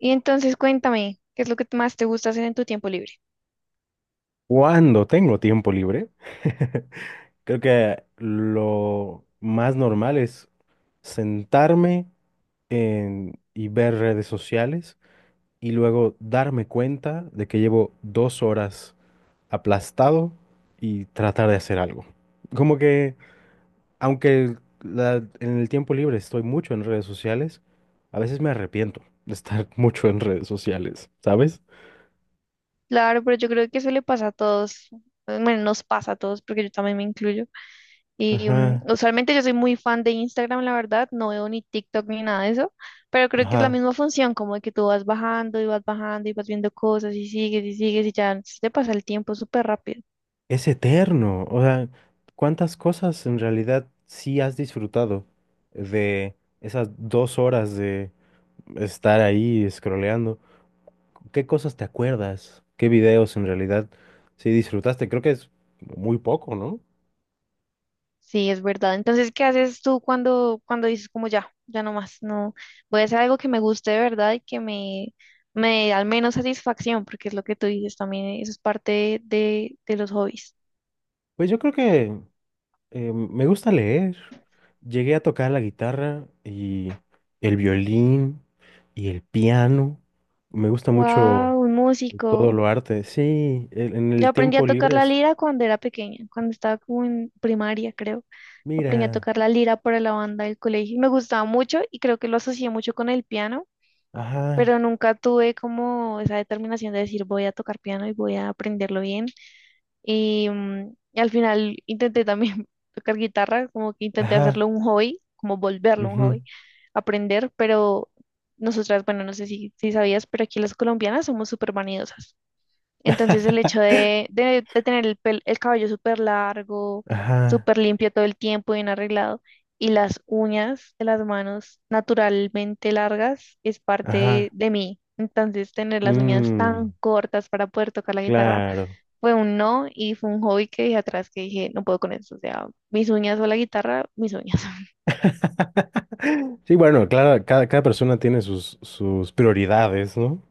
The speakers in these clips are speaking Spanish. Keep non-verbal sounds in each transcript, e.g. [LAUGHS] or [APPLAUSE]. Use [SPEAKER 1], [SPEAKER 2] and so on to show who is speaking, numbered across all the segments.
[SPEAKER 1] Y entonces cuéntame, ¿qué es lo que más te gusta hacer en tu tiempo libre?
[SPEAKER 2] Cuando tengo tiempo libre, [LAUGHS] creo que lo más normal es sentarme y ver redes sociales y luego darme cuenta de que llevo 2 horas aplastado y tratar de hacer algo. Como que, en el tiempo libre estoy mucho en redes sociales, a veces me arrepiento de estar [LAUGHS] mucho en redes sociales, ¿sabes?
[SPEAKER 1] Claro, pero yo creo que eso le pasa a todos, bueno, nos pasa a todos porque yo también me incluyo. Y
[SPEAKER 2] Ajá,
[SPEAKER 1] usualmente yo soy muy fan de Instagram, la verdad, no veo ni TikTok ni nada de eso, pero creo que es la
[SPEAKER 2] ajá.
[SPEAKER 1] misma función, como de que tú vas bajando y vas bajando y vas viendo cosas y sigues y sigues y ya se te pasa el tiempo súper rápido.
[SPEAKER 2] Es eterno. O sea, ¿cuántas cosas en realidad sí has disfrutado de esas 2 horas de estar ahí scrolleando? ¿Qué cosas te acuerdas? ¿Qué videos en realidad sí disfrutaste? Creo que es muy poco, ¿no?
[SPEAKER 1] Sí, es verdad. Entonces, ¿qué haces tú cuando dices como ya, ya no más, no, voy a hacer algo que me guste de verdad y que me dé al menos satisfacción, porque es lo que tú dices también, eso es parte de los hobbies.
[SPEAKER 2] Pues yo creo que me gusta leer. Llegué a tocar la guitarra y el violín y el piano. Me gusta mucho
[SPEAKER 1] Wow, un
[SPEAKER 2] todo
[SPEAKER 1] músico.
[SPEAKER 2] lo arte. Sí, en
[SPEAKER 1] Yo
[SPEAKER 2] el
[SPEAKER 1] aprendí
[SPEAKER 2] tiempo
[SPEAKER 1] a tocar
[SPEAKER 2] libre
[SPEAKER 1] la
[SPEAKER 2] es...
[SPEAKER 1] lira cuando era pequeña, cuando estaba como en primaria, creo. Aprendí a
[SPEAKER 2] Mira.
[SPEAKER 1] tocar la lira para la banda del colegio y me gustaba mucho y creo que lo asocié mucho con el piano,
[SPEAKER 2] Ajá,
[SPEAKER 1] pero nunca tuve como esa determinación de decir voy a tocar piano y voy a aprenderlo bien. Y y al final intenté también [LAUGHS] tocar guitarra, como que intenté
[SPEAKER 2] ajá,
[SPEAKER 1] hacerlo un hobby, como volverlo un
[SPEAKER 2] ujú.
[SPEAKER 1] hobby, aprender, pero nosotras, bueno, no sé si sabías, pero aquí las colombianas somos súper vanidosas. Entonces el hecho
[SPEAKER 2] [LAUGHS]
[SPEAKER 1] de tener el cabello súper largo,
[SPEAKER 2] Ajá,
[SPEAKER 1] súper limpio todo el tiempo, bien arreglado, y las uñas de las manos naturalmente largas es parte
[SPEAKER 2] ajá.
[SPEAKER 1] de mí. Entonces tener las uñas
[SPEAKER 2] Mm,
[SPEAKER 1] tan cortas para poder tocar la guitarra
[SPEAKER 2] claro.
[SPEAKER 1] fue un no y fue un hobby que dije atrás, que dije, no puedo con eso. O sea, mis uñas o la guitarra, mis uñas.
[SPEAKER 2] [LAUGHS] Sí, bueno, claro, cada persona tiene sus, sus prioridades, ¿no?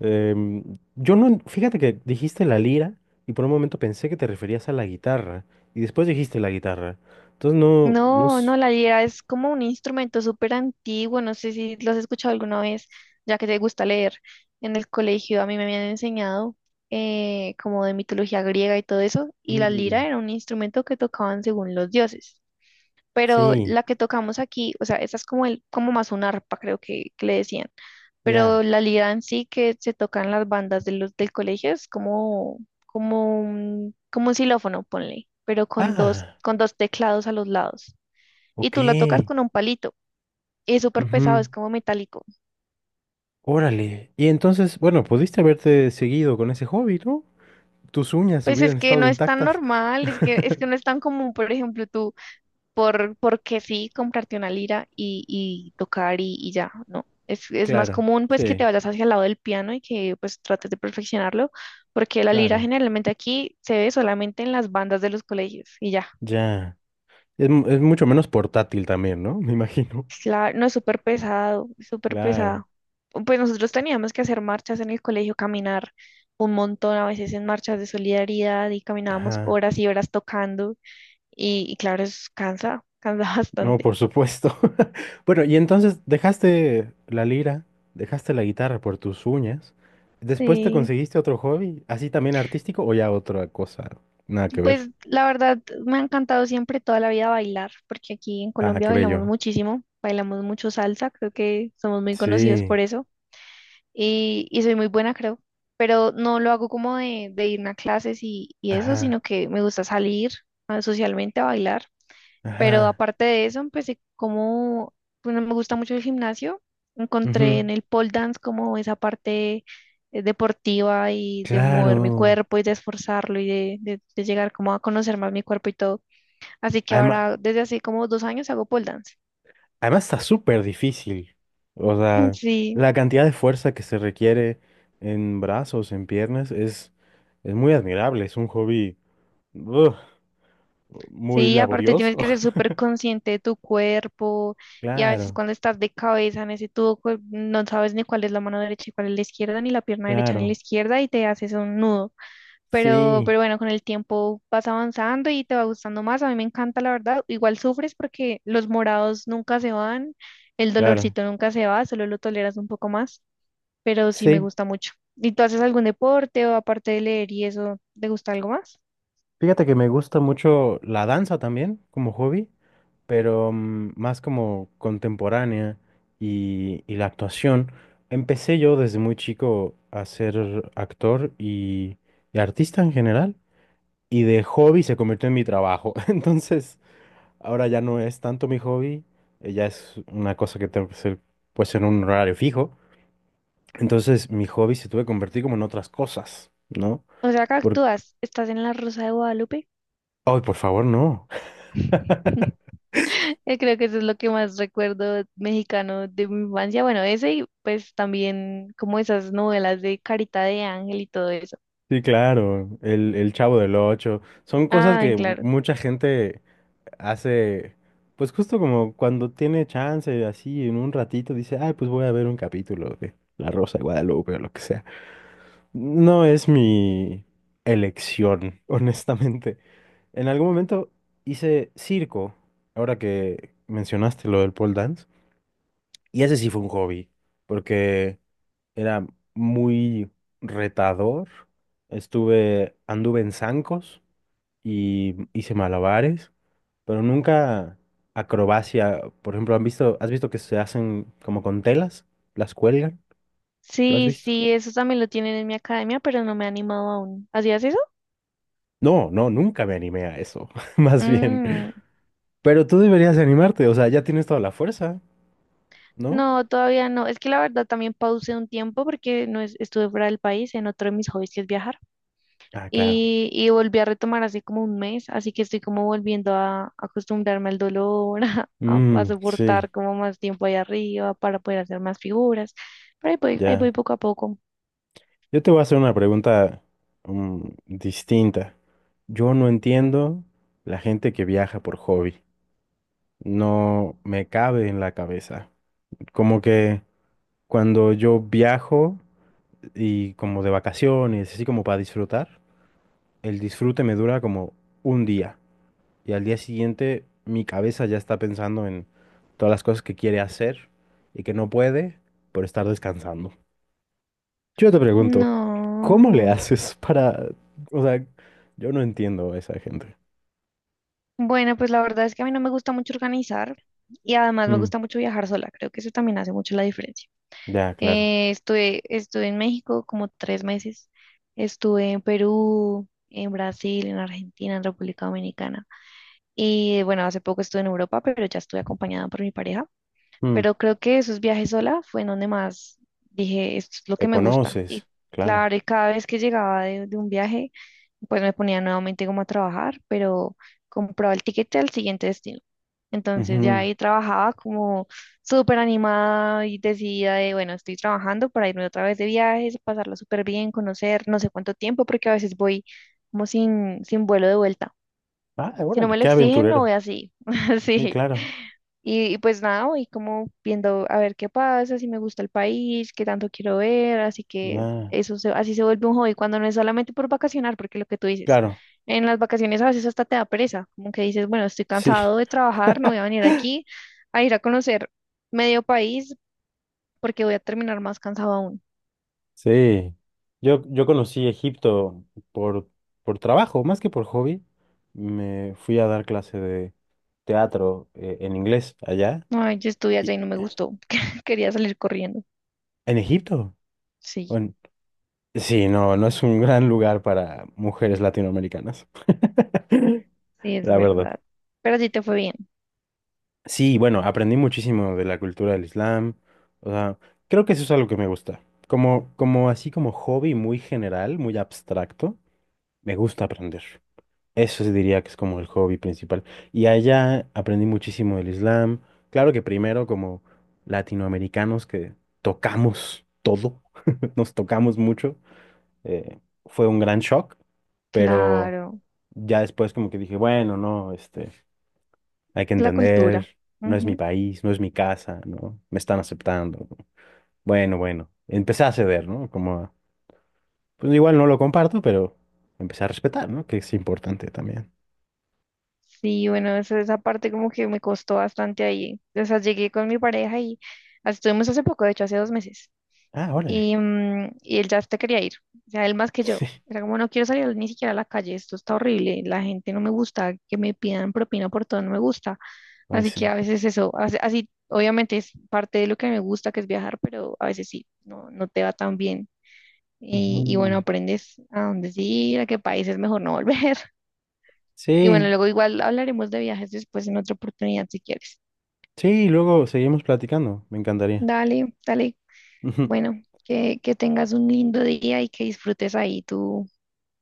[SPEAKER 2] Yo no, fíjate que dijiste la lira y por un momento pensé que te referías a la guitarra y después dijiste la guitarra. Entonces no, no
[SPEAKER 1] No, no,
[SPEAKER 2] es...
[SPEAKER 1] la lira es como un instrumento súper antiguo, no sé si lo has escuchado alguna vez, ya que te gusta leer. En el colegio a mí me habían enseñado como de mitología griega y todo eso, y la lira
[SPEAKER 2] Mm,
[SPEAKER 1] era un instrumento que tocaban según los dioses. Pero
[SPEAKER 2] sí,
[SPEAKER 1] la que tocamos aquí, o sea, esa es como el, como más un arpa, creo que le decían.
[SPEAKER 2] ya.
[SPEAKER 1] Pero la lira en sí que se toca en las bandas de los del colegio es como, como un xilófono, ponle, pero con dos,
[SPEAKER 2] Ah,
[SPEAKER 1] con dos teclados a los lados y
[SPEAKER 2] ok.
[SPEAKER 1] tú lo tocas con un palito. Es súper pesado,
[SPEAKER 2] Ujú,
[SPEAKER 1] es como metálico.
[SPEAKER 2] órale. Y entonces, bueno, pudiste haberte seguido con ese hobby, ¿no? Tus uñas
[SPEAKER 1] Pues es
[SPEAKER 2] hubieran
[SPEAKER 1] que
[SPEAKER 2] estado
[SPEAKER 1] no es tan
[SPEAKER 2] intactas.
[SPEAKER 1] normal, es que no
[SPEAKER 2] [LAUGHS]
[SPEAKER 1] es tan común. Por ejemplo, tú, porque sí, comprarte una lira y tocar y ya, ¿no? Es más
[SPEAKER 2] Claro,
[SPEAKER 1] común pues que te
[SPEAKER 2] sí,
[SPEAKER 1] vayas hacia el lado del piano y que pues trates de perfeccionarlo, porque la lira
[SPEAKER 2] claro.
[SPEAKER 1] generalmente aquí se ve solamente en las bandas de los colegios y ya.
[SPEAKER 2] Ya. Es mucho menos portátil también, ¿no? [LAUGHS] Me imagino.
[SPEAKER 1] Claro, no es súper pesado, es súper
[SPEAKER 2] Claro.
[SPEAKER 1] pesado. Pues nosotros teníamos que hacer marchas en el colegio, caminar un montón, a veces en marchas de solidaridad, y caminábamos
[SPEAKER 2] Ajá.
[SPEAKER 1] horas y horas tocando y claro, eso cansa, cansa [LAUGHS]
[SPEAKER 2] No,
[SPEAKER 1] bastante.
[SPEAKER 2] por supuesto. [LAUGHS] Bueno, y entonces dejaste la lira, dejaste la guitarra por tus uñas. ¿Después te
[SPEAKER 1] Sí,
[SPEAKER 2] conseguiste otro hobby, así también artístico o ya otra cosa? Nada que ver.
[SPEAKER 1] pues la verdad me ha encantado siempre toda la vida bailar, porque aquí en
[SPEAKER 2] Ah,
[SPEAKER 1] Colombia
[SPEAKER 2] qué
[SPEAKER 1] bailamos
[SPEAKER 2] bello.
[SPEAKER 1] muchísimo, bailamos mucho salsa, creo que somos muy conocidos
[SPEAKER 2] Sí.
[SPEAKER 1] por eso. Y soy muy buena, creo, pero no lo hago como de irme a clases y eso,
[SPEAKER 2] Ajá.
[SPEAKER 1] sino que me gusta salir socialmente a bailar, pero
[SPEAKER 2] Ajá.
[SPEAKER 1] aparte de eso empecé como, bueno, me gusta mucho el gimnasio, encontré
[SPEAKER 2] Ujú,
[SPEAKER 1] en el pole dance como esa parte deportiva y de mover mi
[SPEAKER 2] claro.
[SPEAKER 1] cuerpo y de esforzarlo y de llegar como a conocer más mi cuerpo y todo, así que
[SPEAKER 2] Además,
[SPEAKER 1] ahora desde hace como 2 años hago pole dance.
[SPEAKER 2] además está súper difícil. O
[SPEAKER 1] [LAUGHS]
[SPEAKER 2] sea,
[SPEAKER 1] Sí.
[SPEAKER 2] la cantidad de fuerza que se requiere en brazos, en piernas, es muy admirable. Es un hobby ugh, muy
[SPEAKER 1] Sí, aparte
[SPEAKER 2] laborioso.
[SPEAKER 1] tienes que ser
[SPEAKER 2] [LAUGHS]
[SPEAKER 1] súper consciente de tu cuerpo, y a veces
[SPEAKER 2] Claro,
[SPEAKER 1] cuando estás de cabeza en ese tubo, pues no sabes ni cuál es la mano derecha y cuál es la izquierda, ni la pierna derecha ni la
[SPEAKER 2] claro.
[SPEAKER 1] izquierda, y te haces un nudo. Pero,
[SPEAKER 2] Sí,
[SPEAKER 1] pero bueno, con el tiempo vas avanzando y te va gustando más. A mí me encanta, la verdad. Igual sufres porque los morados nunca se van, el
[SPEAKER 2] claro.
[SPEAKER 1] dolorcito nunca se va, solo lo toleras un poco más, pero sí me
[SPEAKER 2] Sí.
[SPEAKER 1] gusta mucho. ¿Y tú haces algún deporte? O aparte de leer y eso, ¿te gusta algo más?
[SPEAKER 2] Fíjate que me gusta mucho la danza también como hobby, pero más como contemporánea y la actuación. Empecé yo desde muy chico a ser actor y artista en general. Y de hobby se convirtió en mi trabajo. [LAUGHS] Entonces, ahora ya no es tanto mi hobby, ya es una cosa que tengo que hacer pues en un horario fijo. Entonces, mi hobby se tuve que convertir como en otras cosas, ¿no?
[SPEAKER 1] O sea, que
[SPEAKER 2] Por...
[SPEAKER 1] actúas, estás en la Rosa de Guadalupe.
[SPEAKER 2] Ay, por favor, no. [LAUGHS]
[SPEAKER 1] Creo que eso es lo que más recuerdo mexicano de mi infancia. Bueno, ese y pues también como esas novelas de Carita de Ángel y todo eso.
[SPEAKER 2] Sí, claro, el Chavo del Ocho. Son cosas
[SPEAKER 1] Ah,
[SPEAKER 2] que
[SPEAKER 1] claro.
[SPEAKER 2] mucha gente hace, pues justo como cuando tiene chance, así en un ratito, dice, ay, pues voy a ver un capítulo de La Rosa de Guadalupe o lo que sea. No es mi elección, [LAUGHS] honestamente. En algún momento hice circo, ahora que mencionaste lo del pole dance, y ese sí fue un hobby, porque era muy retador. Anduve en zancos y hice malabares, pero nunca acrobacia. Por ejemplo, ¿has visto que se hacen como con telas? ¿Las cuelgan? ¿Lo has
[SPEAKER 1] Sí,
[SPEAKER 2] visto?
[SPEAKER 1] sí, eso también lo tienen en mi academia, pero no me he animado aún. ¿Hacías eso?
[SPEAKER 2] No, no, nunca me animé a eso, [LAUGHS] más bien.
[SPEAKER 1] Mm,
[SPEAKER 2] Pero tú deberías animarte, o sea, ya tienes toda la fuerza, ¿no?
[SPEAKER 1] no, todavía no. Es que la verdad también pausé un tiempo porque no es- estuve fuera del país en otro de mis hobbies, que es viajar.
[SPEAKER 2] Ah, claro.
[SPEAKER 1] Y volví a retomar así como un mes, así que estoy como volviendo a acostumbrarme al dolor, [LAUGHS] a
[SPEAKER 2] Mm, sí,
[SPEAKER 1] soportar como más tiempo ahí arriba para poder hacer más figuras, pero ahí
[SPEAKER 2] ya.
[SPEAKER 1] voy poco a poco.
[SPEAKER 2] Yo te voy a hacer una pregunta mm, distinta. Yo no entiendo la gente que viaja por hobby. No me cabe en la cabeza. Como que cuando yo viajo y como de vacaciones, así como para disfrutar, el disfrute me dura como un día. Y al día siguiente mi cabeza ya está pensando en todas las cosas que quiere hacer y que no puede por estar descansando. Yo te pregunto, ¿cómo le
[SPEAKER 1] No.
[SPEAKER 2] haces para... O sea, yo no entiendo a esa gente.
[SPEAKER 1] Bueno, pues la verdad es que a mí no me gusta mucho organizar, y además me
[SPEAKER 2] Mm,
[SPEAKER 1] gusta mucho viajar sola, creo que eso también hace mucho la diferencia.
[SPEAKER 2] ya, claro.
[SPEAKER 1] Estuve en México como 3 meses, estuve en Perú, en Brasil, en Argentina, en República Dominicana. Y bueno, hace poco estuve en Europa, pero ya estuve acompañada por mi pareja.
[SPEAKER 2] Mm,
[SPEAKER 1] Pero creo que esos viajes sola fue en donde más dije, esto es lo
[SPEAKER 2] te
[SPEAKER 1] que me gusta. Y
[SPEAKER 2] conoces, claro.
[SPEAKER 1] claro, y cada vez que llegaba de un viaje, pues me ponía nuevamente como a trabajar, pero compraba el tiquete al siguiente destino. Entonces ya
[SPEAKER 2] Ujú.
[SPEAKER 1] ahí trabajaba como súper animada y decidida de, bueno, estoy trabajando para irme otra vez de viajes, pasarlo súper bien, conocer no sé cuánto tiempo, porque a veces voy como sin vuelo de vuelta.
[SPEAKER 2] Ah,
[SPEAKER 1] Si no
[SPEAKER 2] órale,
[SPEAKER 1] me lo
[SPEAKER 2] qué
[SPEAKER 1] exigen, me
[SPEAKER 2] aventurero.
[SPEAKER 1] voy así, [LAUGHS]
[SPEAKER 2] Sí,
[SPEAKER 1] así.
[SPEAKER 2] claro.
[SPEAKER 1] Y pues nada, voy como viendo a ver qué pasa, si me gusta el país, qué tanto quiero ver, así que
[SPEAKER 2] Ya,
[SPEAKER 1] eso así se vuelve un hobby cuando no es solamente por vacacionar, porque lo que tú dices,
[SPEAKER 2] claro.
[SPEAKER 1] en las vacaciones a veces hasta te da pereza, como que dices, bueno, estoy
[SPEAKER 2] Sí.
[SPEAKER 1] cansado de
[SPEAKER 2] [LAUGHS]
[SPEAKER 1] trabajar, no voy a venir aquí a ir a conocer medio país porque voy a terminar más cansado aún.
[SPEAKER 2] Sí, yo conocí Egipto por, por trabajo, más que por hobby. Me fui a dar clase de teatro en inglés allá,
[SPEAKER 1] Ay, yo estuve allá
[SPEAKER 2] y-
[SPEAKER 1] y no me gustó, [LAUGHS] quería salir corriendo.
[SPEAKER 2] en Egipto.
[SPEAKER 1] Sí,
[SPEAKER 2] Bueno, sí, no, no es un gran lugar para mujeres latinoamericanas,
[SPEAKER 1] sí,
[SPEAKER 2] [LAUGHS]
[SPEAKER 1] es
[SPEAKER 2] la verdad.
[SPEAKER 1] verdad. Pero sí te fue bien.
[SPEAKER 2] Sí, bueno, aprendí muchísimo de la cultura del Islam. O sea, creo que eso es algo que me gusta. Como, como así como hobby muy general, muy abstracto, me gusta aprender. Eso sí diría que es como el hobby principal. Y allá aprendí muchísimo del Islam. Claro que primero como latinoamericanos que tocamos todo, [LAUGHS] nos tocamos mucho, eh, fue un gran shock, pero
[SPEAKER 1] Claro.
[SPEAKER 2] ya después como que dije, bueno, no, este, hay que
[SPEAKER 1] La cultura.
[SPEAKER 2] entender, no es mi
[SPEAKER 1] Ujú.
[SPEAKER 2] país, no es mi casa, ¿no? Me están aceptando. ¿No? Bueno, bueno, empecé a ceder, ¿no? Como, pues igual no lo comparto, pero empecé a respetar, ¿no? Que es importante también.
[SPEAKER 1] Sí, bueno, eso, esa parte como que me costó bastante ahí. O sea, llegué con mi pareja y estuvimos hace poco, de hecho, hace 2 meses.
[SPEAKER 2] Ah, órale.
[SPEAKER 1] Y y él ya hasta quería ir. O sea, él más que yo.
[SPEAKER 2] [LAUGHS]
[SPEAKER 1] Era como, no quiero salir ni siquiera a la calle, esto está horrible, la gente no me gusta, que me pidan propina por todo, no me gusta.
[SPEAKER 2] Ay
[SPEAKER 1] Así
[SPEAKER 2] sí.
[SPEAKER 1] que a veces eso, así, obviamente es parte de lo que me gusta, que es viajar, pero a veces sí, no, no te va tan bien. Y bueno,
[SPEAKER 2] Ujú.
[SPEAKER 1] aprendes a dónde sí ir, a qué país es mejor no volver. Y bueno,
[SPEAKER 2] Sí,
[SPEAKER 1] luego igual hablaremos de viajes después en otra oportunidad si quieres.
[SPEAKER 2] sí, luego seguimos platicando. Me encantaría.
[SPEAKER 1] Dale, dale.
[SPEAKER 2] [LAUGHS] Ujú.
[SPEAKER 1] Bueno, que tengas un lindo día y que disfrutes ahí tu,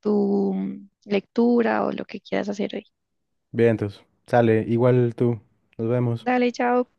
[SPEAKER 1] tu lectura o lo que quieras hacer hoy.
[SPEAKER 2] Bien, entonces, sale, igual tú. Nos vemos.
[SPEAKER 1] Dale, chao.